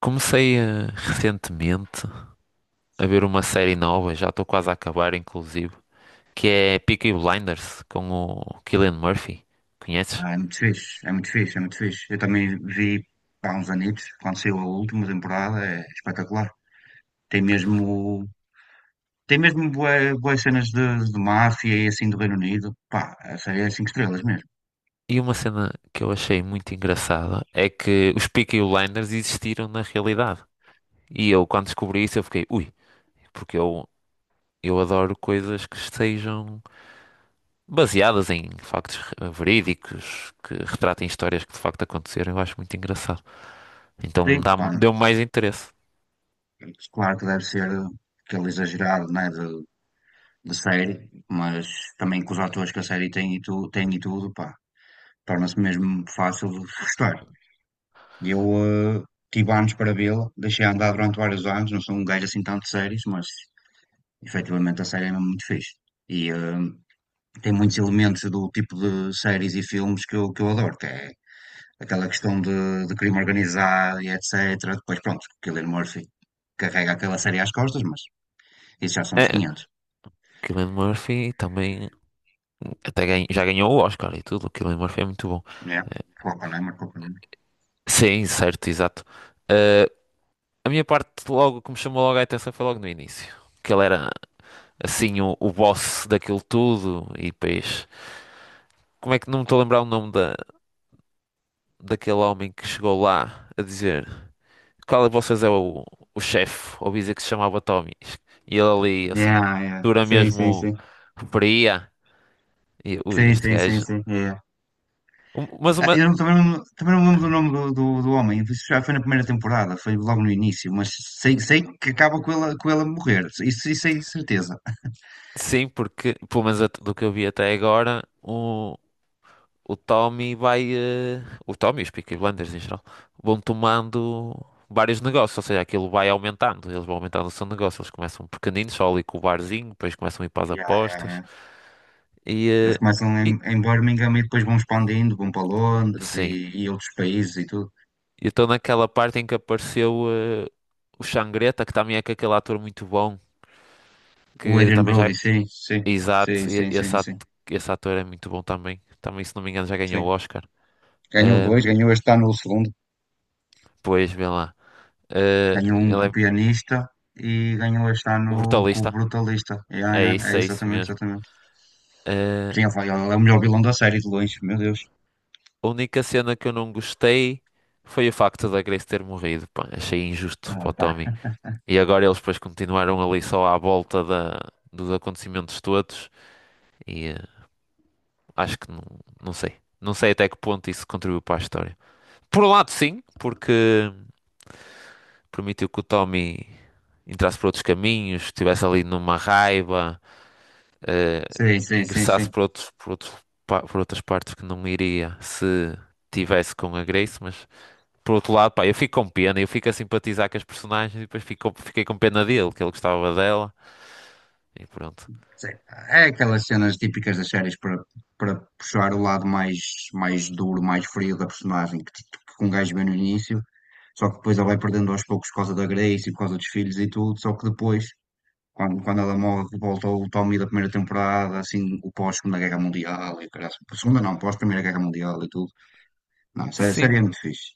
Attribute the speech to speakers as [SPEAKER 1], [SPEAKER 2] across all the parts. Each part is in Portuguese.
[SPEAKER 1] Comecei recentemente a ver uma série nova, já estou quase a acabar, inclusive, que é Peaky Blinders com o Cillian Murphy. Conheces?
[SPEAKER 2] Ah, é muito fixe, é muito fixe, é muito fixe. Eu também vi há uns anitos, quando saiu a última temporada, é espetacular. Tem mesmo, tem mesmo bué, bué cenas de máfia e assim do Reino Unido. Pá, a série é cinco estrelas mesmo.
[SPEAKER 1] E uma cena que eu achei muito engraçada é que os Peaky Blinders existiram na realidade. E eu, quando descobri isso, eu fiquei, ui, porque eu adoro coisas que estejam baseadas em verídicos, que retratem histórias que de facto aconteceram. Eu acho muito engraçado. Então
[SPEAKER 2] Sim, pá,
[SPEAKER 1] deu-me mais interesse.
[SPEAKER 2] claro que deve ser aquele exagerado, né, de série, mas também com os atores que a série tem e, tu, tem e tudo, pá, torna-se mesmo fácil de gostar. E eu eh, tive anos para vê-la, deixei andar durante vários anos, não sou um gajo assim tanto de séries, mas efetivamente a série é mesmo muito fixe. E tem muitos elementos do tipo de séries e filmes que eu adoro, que é aquela questão de crime organizado e etc. Depois, pronto, Cillian Murphy carrega aquela série às costas, mas isso já são dos
[SPEAKER 1] É,
[SPEAKER 2] 500,
[SPEAKER 1] Cillian Murphy também já ganhou o Oscar e tudo, aquilo Cillian Murphy foi muito bom.
[SPEAKER 2] né?
[SPEAKER 1] Eh,
[SPEAKER 2] Oppenheimer, Oppenheimer.
[SPEAKER 1] Sim, certo, exato. Eh, a minha parte, logo, que me chamou logo a atenção foi logo no início. Que ele era, assim, o boss daquilo tudo e depois... Como é que não me estou a lembrar o nome daquele homem que chegou lá a dizer qual de vocês é o chefe? Ouvi dizer que se chamava Tommy. E ele ali, assim,
[SPEAKER 2] Yeah, yeah.
[SPEAKER 1] dura
[SPEAKER 2] Sim, sim,
[SPEAKER 1] mesmo,
[SPEAKER 2] sim.
[SPEAKER 1] o- E, ui,
[SPEAKER 2] Sim,
[SPEAKER 1] este
[SPEAKER 2] sim, sim,
[SPEAKER 1] gajo...
[SPEAKER 2] sim. Yeah.
[SPEAKER 1] Mas
[SPEAKER 2] Ah,
[SPEAKER 1] uma,
[SPEAKER 2] eu não- também, não- também não me lembro do nome do homem. Isso já foi na primeira temporada, foi logo no início, mas sei, sei que acaba com ela morrer. Isso é certeza.
[SPEAKER 1] sim, porque, pelo menos do que eu vi até agora, o, o Tommy vai, o Tommy e os Peaky Blinders em geral vão tomando vários negócios, ou seja, aquilo vai aumentando. Eles vão aumentando o seu negócio. Eles começam pequeninos, só ali com o barzinho, depois começam a ir para as
[SPEAKER 2] Yeah, yeah,
[SPEAKER 1] apostas.
[SPEAKER 2] yeah.
[SPEAKER 1] E.
[SPEAKER 2] Eles
[SPEAKER 1] eh,
[SPEAKER 2] começam
[SPEAKER 1] e
[SPEAKER 2] em Birmingham e depois vão expandindo, vão para Londres
[SPEAKER 1] sim,
[SPEAKER 2] e outros países e tudo.
[SPEAKER 1] eu estou naquela parte em que apareceu o Xangreta, que também é com aquele ator muito bom,
[SPEAKER 2] O
[SPEAKER 1] que
[SPEAKER 2] Adrian
[SPEAKER 1] também
[SPEAKER 2] Brody,
[SPEAKER 1] já.
[SPEAKER 2] sim, sim, sim,
[SPEAKER 1] Exato,
[SPEAKER 2] sim, sim, sim,
[SPEAKER 1] esse ator é muito bom também. Também, se não me engano, já ganhou o
[SPEAKER 2] sim.
[SPEAKER 1] Oscar.
[SPEAKER 2] Ganhou
[SPEAKER 1] Ahm,
[SPEAKER 2] dois, ganhou este ano o segundo,
[SPEAKER 1] Pois, vê lá. Eh,
[SPEAKER 2] ganhou um com
[SPEAKER 1] ele
[SPEAKER 2] o
[SPEAKER 1] é
[SPEAKER 2] pianista e ganhou este
[SPEAKER 1] o
[SPEAKER 2] ano com o
[SPEAKER 1] brutalista.
[SPEAKER 2] brutalista. Yeah, yeah, é
[SPEAKER 1] É isso
[SPEAKER 2] exatamente,
[SPEAKER 1] mesmo.
[SPEAKER 2] exatamente.
[SPEAKER 1] Eh,
[SPEAKER 2] Sim, ele foi- ele é o melhor vilão da série de longe, meu Deus.
[SPEAKER 1] a única cena que eu não gostei foi o facto da Grace ter morrido. Pá, achei injusto
[SPEAKER 2] Ah,
[SPEAKER 1] para o
[SPEAKER 2] tá.
[SPEAKER 1] Tommy. E agora eles depois continuaram ali só dos acontecimentos todos. E acho que não, não sei. Não sei até que ponto isso contribuiu para a história. Por um lado, sim, porque permitiu que o Tommy entrasse por outros caminhos, estivesse ali numa raiva. eh,
[SPEAKER 2] Sim, sim, sim,
[SPEAKER 1] ingressasse
[SPEAKER 2] sim.
[SPEAKER 1] por outras partes que não iria se tivesse com a Grace, mas por outro lado, pá, eu fico com pena, eu fico a simpatizar com as personagens e depois fiquei com pena dele, que ele gostava dela e pronto.
[SPEAKER 2] Sim. É aquelas cenas típicas das séries para, para puxar o lado mais, mais duro, mais frio da personagem, que, t- que um gajo vê no início, só que depois ela vai perdendo aos poucos por causa da Grace e por causa dos filhos e tudo, só que depois, quando ela morre, volta o Tommy da primeira temporada, assim, o pós-Segunda Guerra Mundial e o caralho. Segunda não, pós-Primeira Guerra Mundial e tudo. Não, a
[SPEAKER 1] Sim,
[SPEAKER 2] série é muito fixe.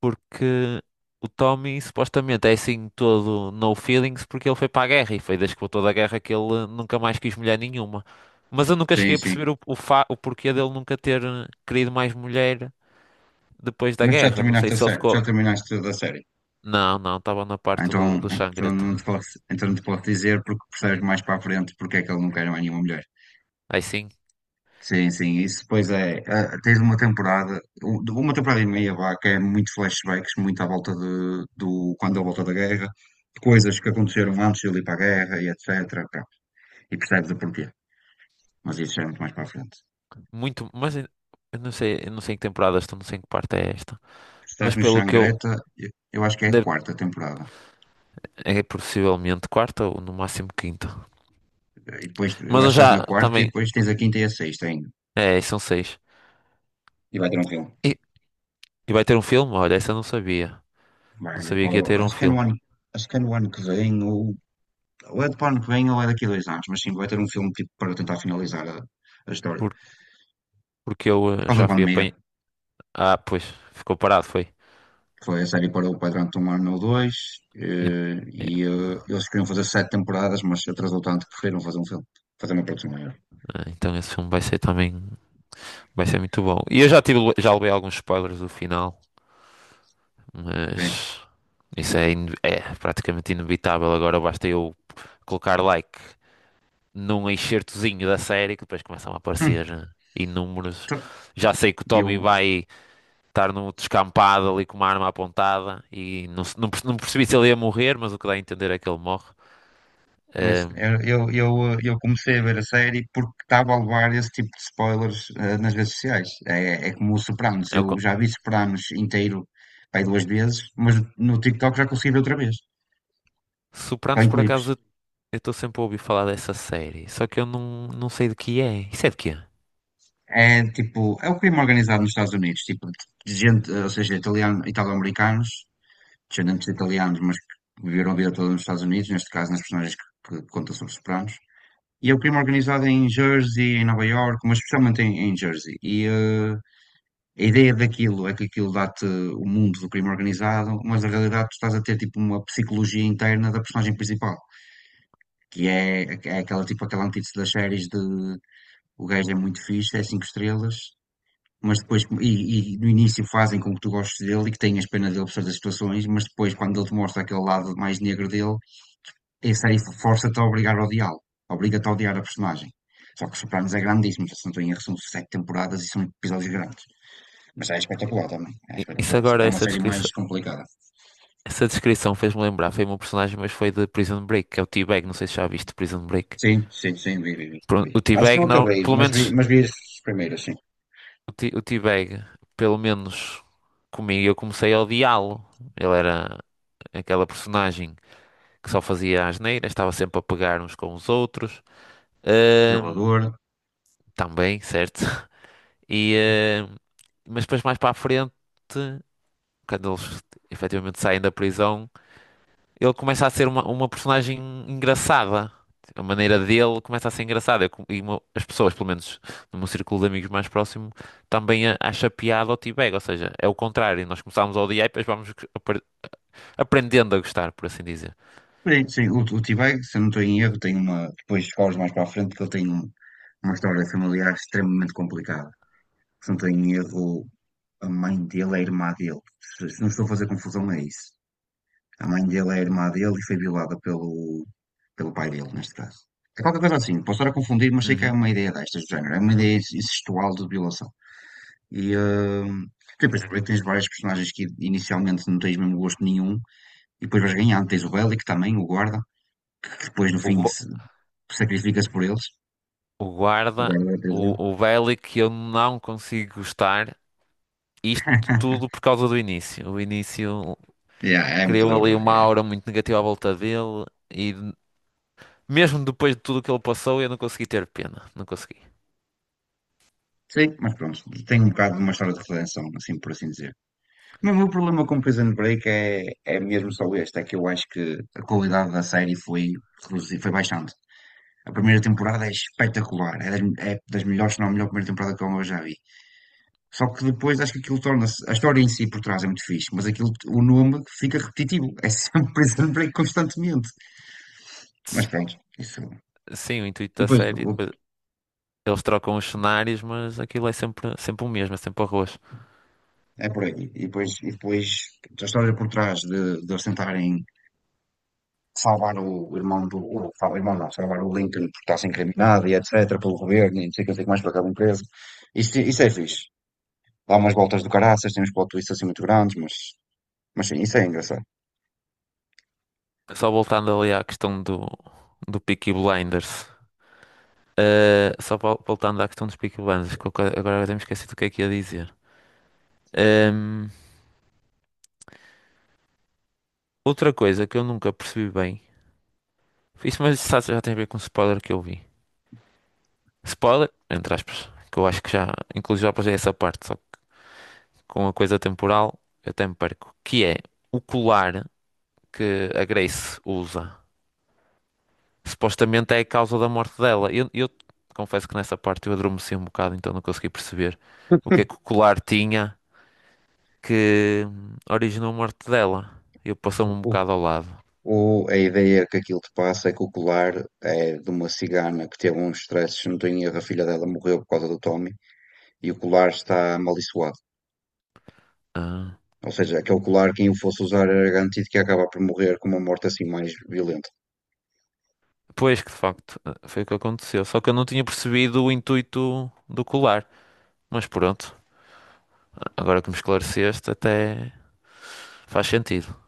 [SPEAKER 1] porque o Tommy supostamente é assim todo no feelings porque ele foi para a guerra e foi desde que voltou da guerra que ele nunca mais quis mulher nenhuma. Mas eu nunca
[SPEAKER 2] Sim,
[SPEAKER 1] cheguei a
[SPEAKER 2] sim.
[SPEAKER 1] perceber o porquê dele nunca ter querido mais mulher depois da
[SPEAKER 2] Mas já
[SPEAKER 1] guerra. Não sei
[SPEAKER 2] terminaste a
[SPEAKER 1] se ele
[SPEAKER 2] série,
[SPEAKER 1] ficou.
[SPEAKER 2] já terminaste da série.
[SPEAKER 1] Não, não, estava na
[SPEAKER 2] Ah,
[SPEAKER 1] parte
[SPEAKER 2] então,
[SPEAKER 1] do
[SPEAKER 2] então,
[SPEAKER 1] Xangreta.
[SPEAKER 2] não te posso, então não te posso dizer porque percebes mais para a frente porque é que ele não quer mais nenhuma mulher.
[SPEAKER 1] Aí sim,
[SPEAKER 2] Sim, sim, isso depois é. Tens uma
[SPEAKER 1] m-
[SPEAKER 2] temporada, um- de uma temporada e meia, vá, que é muito flashbacks, muito à volta de, do quando a volta da guerra, de coisas que aconteceram antes de ele ir para a guerra e etc. Pá, e percebes o porquê. Mas isso já é muito mais para a frente.
[SPEAKER 1] muito, mas eu não sei, eu não sei em que temporada estou, não sei em que parte é esta.
[SPEAKER 2] Estás
[SPEAKER 1] Mas
[SPEAKER 2] no
[SPEAKER 1] pelo que eu,
[SPEAKER 2] Xangreta, eu eu acho que é a
[SPEAKER 1] deve-
[SPEAKER 2] quarta temporada.
[SPEAKER 1] é possivelmente quarta ou no máximo quinta.
[SPEAKER 2] E depois, eu
[SPEAKER 1] Mas
[SPEAKER 2] acho
[SPEAKER 1] eu
[SPEAKER 2] que estás
[SPEAKER 1] já
[SPEAKER 2] na quarta e
[SPEAKER 1] também,
[SPEAKER 2] depois tens a quinta e a sexta ainda.
[SPEAKER 1] é, são seis.
[SPEAKER 2] E vai ter um filme.
[SPEAKER 1] E, e vai ter um filme? Olha, essa eu não sabia. Não
[SPEAKER 2] Bem,
[SPEAKER 1] sabia
[SPEAKER 2] pá,
[SPEAKER 1] que ia ter um
[SPEAKER 2] acho que é no
[SPEAKER 1] filme.
[SPEAKER 2] ano, acho que é no ano que vem, ou é do ano que vem, ou é daqui a dois anos, mas sim, vai ter um filme tipo para tentar finalizar a história. Por
[SPEAKER 1] Por- porque eu
[SPEAKER 2] causa da
[SPEAKER 1] já fui apanhar.
[SPEAKER 2] pandemia,
[SPEAKER 1] Ah, pois, ficou parado, foi.
[SPEAKER 2] foi a série parou pá, durante um ano ou dois,
[SPEAKER 1] En- é,
[SPEAKER 2] e eles queriam fazer sete temporadas, mas atrasou tanto que preferiram fazer um filme, fazer uma produção maior.
[SPEAKER 1] ah, então esse filme vai ser também, vai ser muito bom. E eu já tive, já levei alguns spoilers do final,
[SPEAKER 2] Bem,
[SPEAKER 1] mas. Isso é, é praticamente inevitável. Agora basta eu colocar like num excertozinho da série que depois começam a
[SPEAKER 2] hum,
[SPEAKER 1] aparecer né, inúmeros.
[SPEAKER 2] tá,
[SPEAKER 1] Já sei que o Tommy
[SPEAKER 2] eu
[SPEAKER 1] vai estar no descampado ali com uma arma apontada e não, não percebi se ele ia morrer, mas o que dá a entender é que ele morre.
[SPEAKER 2] Mas
[SPEAKER 1] Ahm,
[SPEAKER 2] eu comecei a ver a série porque estava a levar esse tipo de spoilers nas redes sociais. É, é como o Sopranos.
[SPEAKER 1] é o
[SPEAKER 2] Eu
[SPEAKER 1] co-
[SPEAKER 2] já vi Sopranos inteiro pai, duas vezes, mas no TikTok já consegui ver outra vez, só
[SPEAKER 1] Sopranos,
[SPEAKER 2] em
[SPEAKER 1] por acaso,
[SPEAKER 2] clipes.
[SPEAKER 1] eu estou sempre a ouvir falar dessa série, só que eu não, não sei de que é. Isso é de quê?
[SPEAKER 2] É tipo, é o crime organizado nos Estados Unidos, tipo, de gente, ou seja, italiano, italo-americanos, descendentes de italianos, mas que viveram a vida toda nos Estados Unidos, neste caso nas personagens que contam sobre Sopranos. E é o crime organizado em Jersey, em Nova York, mas especialmente em Jersey. E, a ideia daquilo é que aquilo dá-te o mundo do crime organizado, mas na realidade tu estás a ter tipo uma psicologia interna da personagem principal, que é, é aquela tipo aquela antítese das séries de o gajo é muito fixe, é cinco estrelas, mas depois e no início fazem com que tu gostes dele e que tenhas pena dele por certas situações, mas depois quando ele te mostra aquele lado mais negro dele, essa aí força-te a obrigar a odiá-lo, obriga-te a odiar a personagem. Só que Sopranos é grandíssimo, já se não estou em erro, são sete temporadas e são episódios grandes. Mas é espetacular também. É
[SPEAKER 1] Isso
[SPEAKER 2] espetacular. Só que
[SPEAKER 1] agora,
[SPEAKER 2] é uma
[SPEAKER 1] essa
[SPEAKER 2] série mais
[SPEAKER 1] descrição.
[SPEAKER 2] complicada.
[SPEAKER 1] Essa descrição fez-me lembrar, foi um personagem, mas foi de Prison Break, que é o T-Bag, não sei se já viste Prison Break.
[SPEAKER 2] Sim, sim, sim, vi, vi, vi.
[SPEAKER 1] Pronto,
[SPEAKER 2] Vi.
[SPEAKER 1] o
[SPEAKER 2] Acho que não
[SPEAKER 1] T-Bag, não,
[SPEAKER 2] acabei,
[SPEAKER 1] pelo menos,
[SPEAKER 2] mas vi as primeiras, sim.
[SPEAKER 1] o T-Bag, pelo menos comigo, eu comecei a odiá-lo. Ele era aquela personagem que só fazia asneiras, estava sempre a pegar uns com os outros. Ahm,
[SPEAKER 2] Violador.
[SPEAKER 1] também, certo? E, ahm, mas depois mais para a frente, quando eles efetivamente saem da prisão, ele começa a ser uma personagem engraçada. A maneira dele começa a ser engraçada. Eu com- E mo- as pessoas, pelo menos no meu círculo de amigos mais próximo, também acha piada ao T-Bag. Ou seja, é o contrário. Nós começámos a odiar e depois vamos aprendendo a gostar, por assim dizer.
[SPEAKER 2] Sim, sim. O T-Bag, se eu não estou em erro, tem uma. Depois falas mais para a frente que ele tem um- uma história familiar extremamente complicada. Se não estou em erro, a mãe dele é a irmã dele. Se não estou a fazer confusão, é isso. A mãe dele é a irmã dele e foi violada pelo, pelo pai dele, neste caso. É qualquer coisa assim, posso estar a confundir, mas sei que é
[SPEAKER 1] Uhum.
[SPEAKER 2] uma ideia destas do género, é uma ideia incestual de violação. E depois descobri que tens vários personagens que inicialmente não tens mesmo gosto nenhum, e depois vais ganhando. Tens o Bellic também, o guarda, que depois no
[SPEAKER 1] O,
[SPEAKER 2] fim
[SPEAKER 1] gu-
[SPEAKER 2] se- sacrifica-se por eles,
[SPEAKER 1] o
[SPEAKER 2] o
[SPEAKER 1] guarda,
[SPEAKER 2] guarda da prisão.
[SPEAKER 1] o Bellic, eu não consigo gostar. Isto tudo por causa do início. O início
[SPEAKER 2] Yeah, é muito
[SPEAKER 1] criou
[SPEAKER 2] duro,
[SPEAKER 1] ali uma
[SPEAKER 2] é.
[SPEAKER 1] aura muito negativa à volta dele. Mesmo depois de tudo o que ele passou, eu não consegui ter pena. Não consegui.
[SPEAKER 2] Sim, mas pronto, tem um bocado de uma história de redenção, assim por assim dizer. Mas o meu problema com Prison Break é, é mesmo só este, é que eu acho que a qualidade da série foi, reduzi- foi baixante. A primeira temporada é espetacular, é das melhores, se não a melhor primeira temporada que eu já vi. Só que depois acho que aquilo torna-se, a história em si por trás é muito fixe, mas aquilo, o nome fica repetitivo, é sempre Prison Break constantemente. Mas pronto, isso.
[SPEAKER 1] Sim, o
[SPEAKER 2] E
[SPEAKER 1] intuito da
[SPEAKER 2] depois
[SPEAKER 1] série,
[SPEAKER 2] o-
[SPEAKER 1] depois eles trocam os cenários, mas aquilo é sempre, sempre o mesmo, é sempre o arroz.
[SPEAKER 2] é por aí. E depois a história por trás de eles tentarem salvar o irmão do. O irmão não, salvar o Lincoln porque está a ser incriminado e etc. pelo governo e não sei o que não sei o que mais para aquela empresa. Isso isso é fixe. Dá umas voltas do caraças, tem uns plot twists assim muito grandes, mas sim, isso é engraçado.
[SPEAKER 1] Só voltando ali à questão do Peaky Blinders. Voltando à questão dos Peaky Blinders, que eu agora até me esqueci do que é que ia dizer. Ehm, outra coisa que eu nunca percebi bem, isso mas isso já tem a ver com o spoiler que eu vi. Spoiler, entre aspas, que eu acho que já, inclusive já passei essa parte, só. Com a coisa temporal, eu até me perco. Que é o colar que a Grace usa. Supostamente é a causa da morte dela. Eu confesso que nessa parte eu adormeci um bocado, então não consegui perceber o que é que o colar tinha que originou a morte dela. Eu passou-me um
[SPEAKER 2] O-
[SPEAKER 1] bocado ao lado.
[SPEAKER 2] a ideia que aquilo te passa é que o colar é de uma cigana que teve uns stresses, se não tenho erro, a filha dela morreu por causa do Tommy e o colar está amaldiçoado.
[SPEAKER 1] Ah,
[SPEAKER 2] Ou seja, aquele colar, quem o fosse usar era garantido que ia acabar por morrer com uma morte assim mais violenta.
[SPEAKER 1] pois que de facto ah, foi o que aconteceu. Só que eu não tinha percebido o intuito do colar. Mas pronto, agora que me esclareceste, até faz sentido.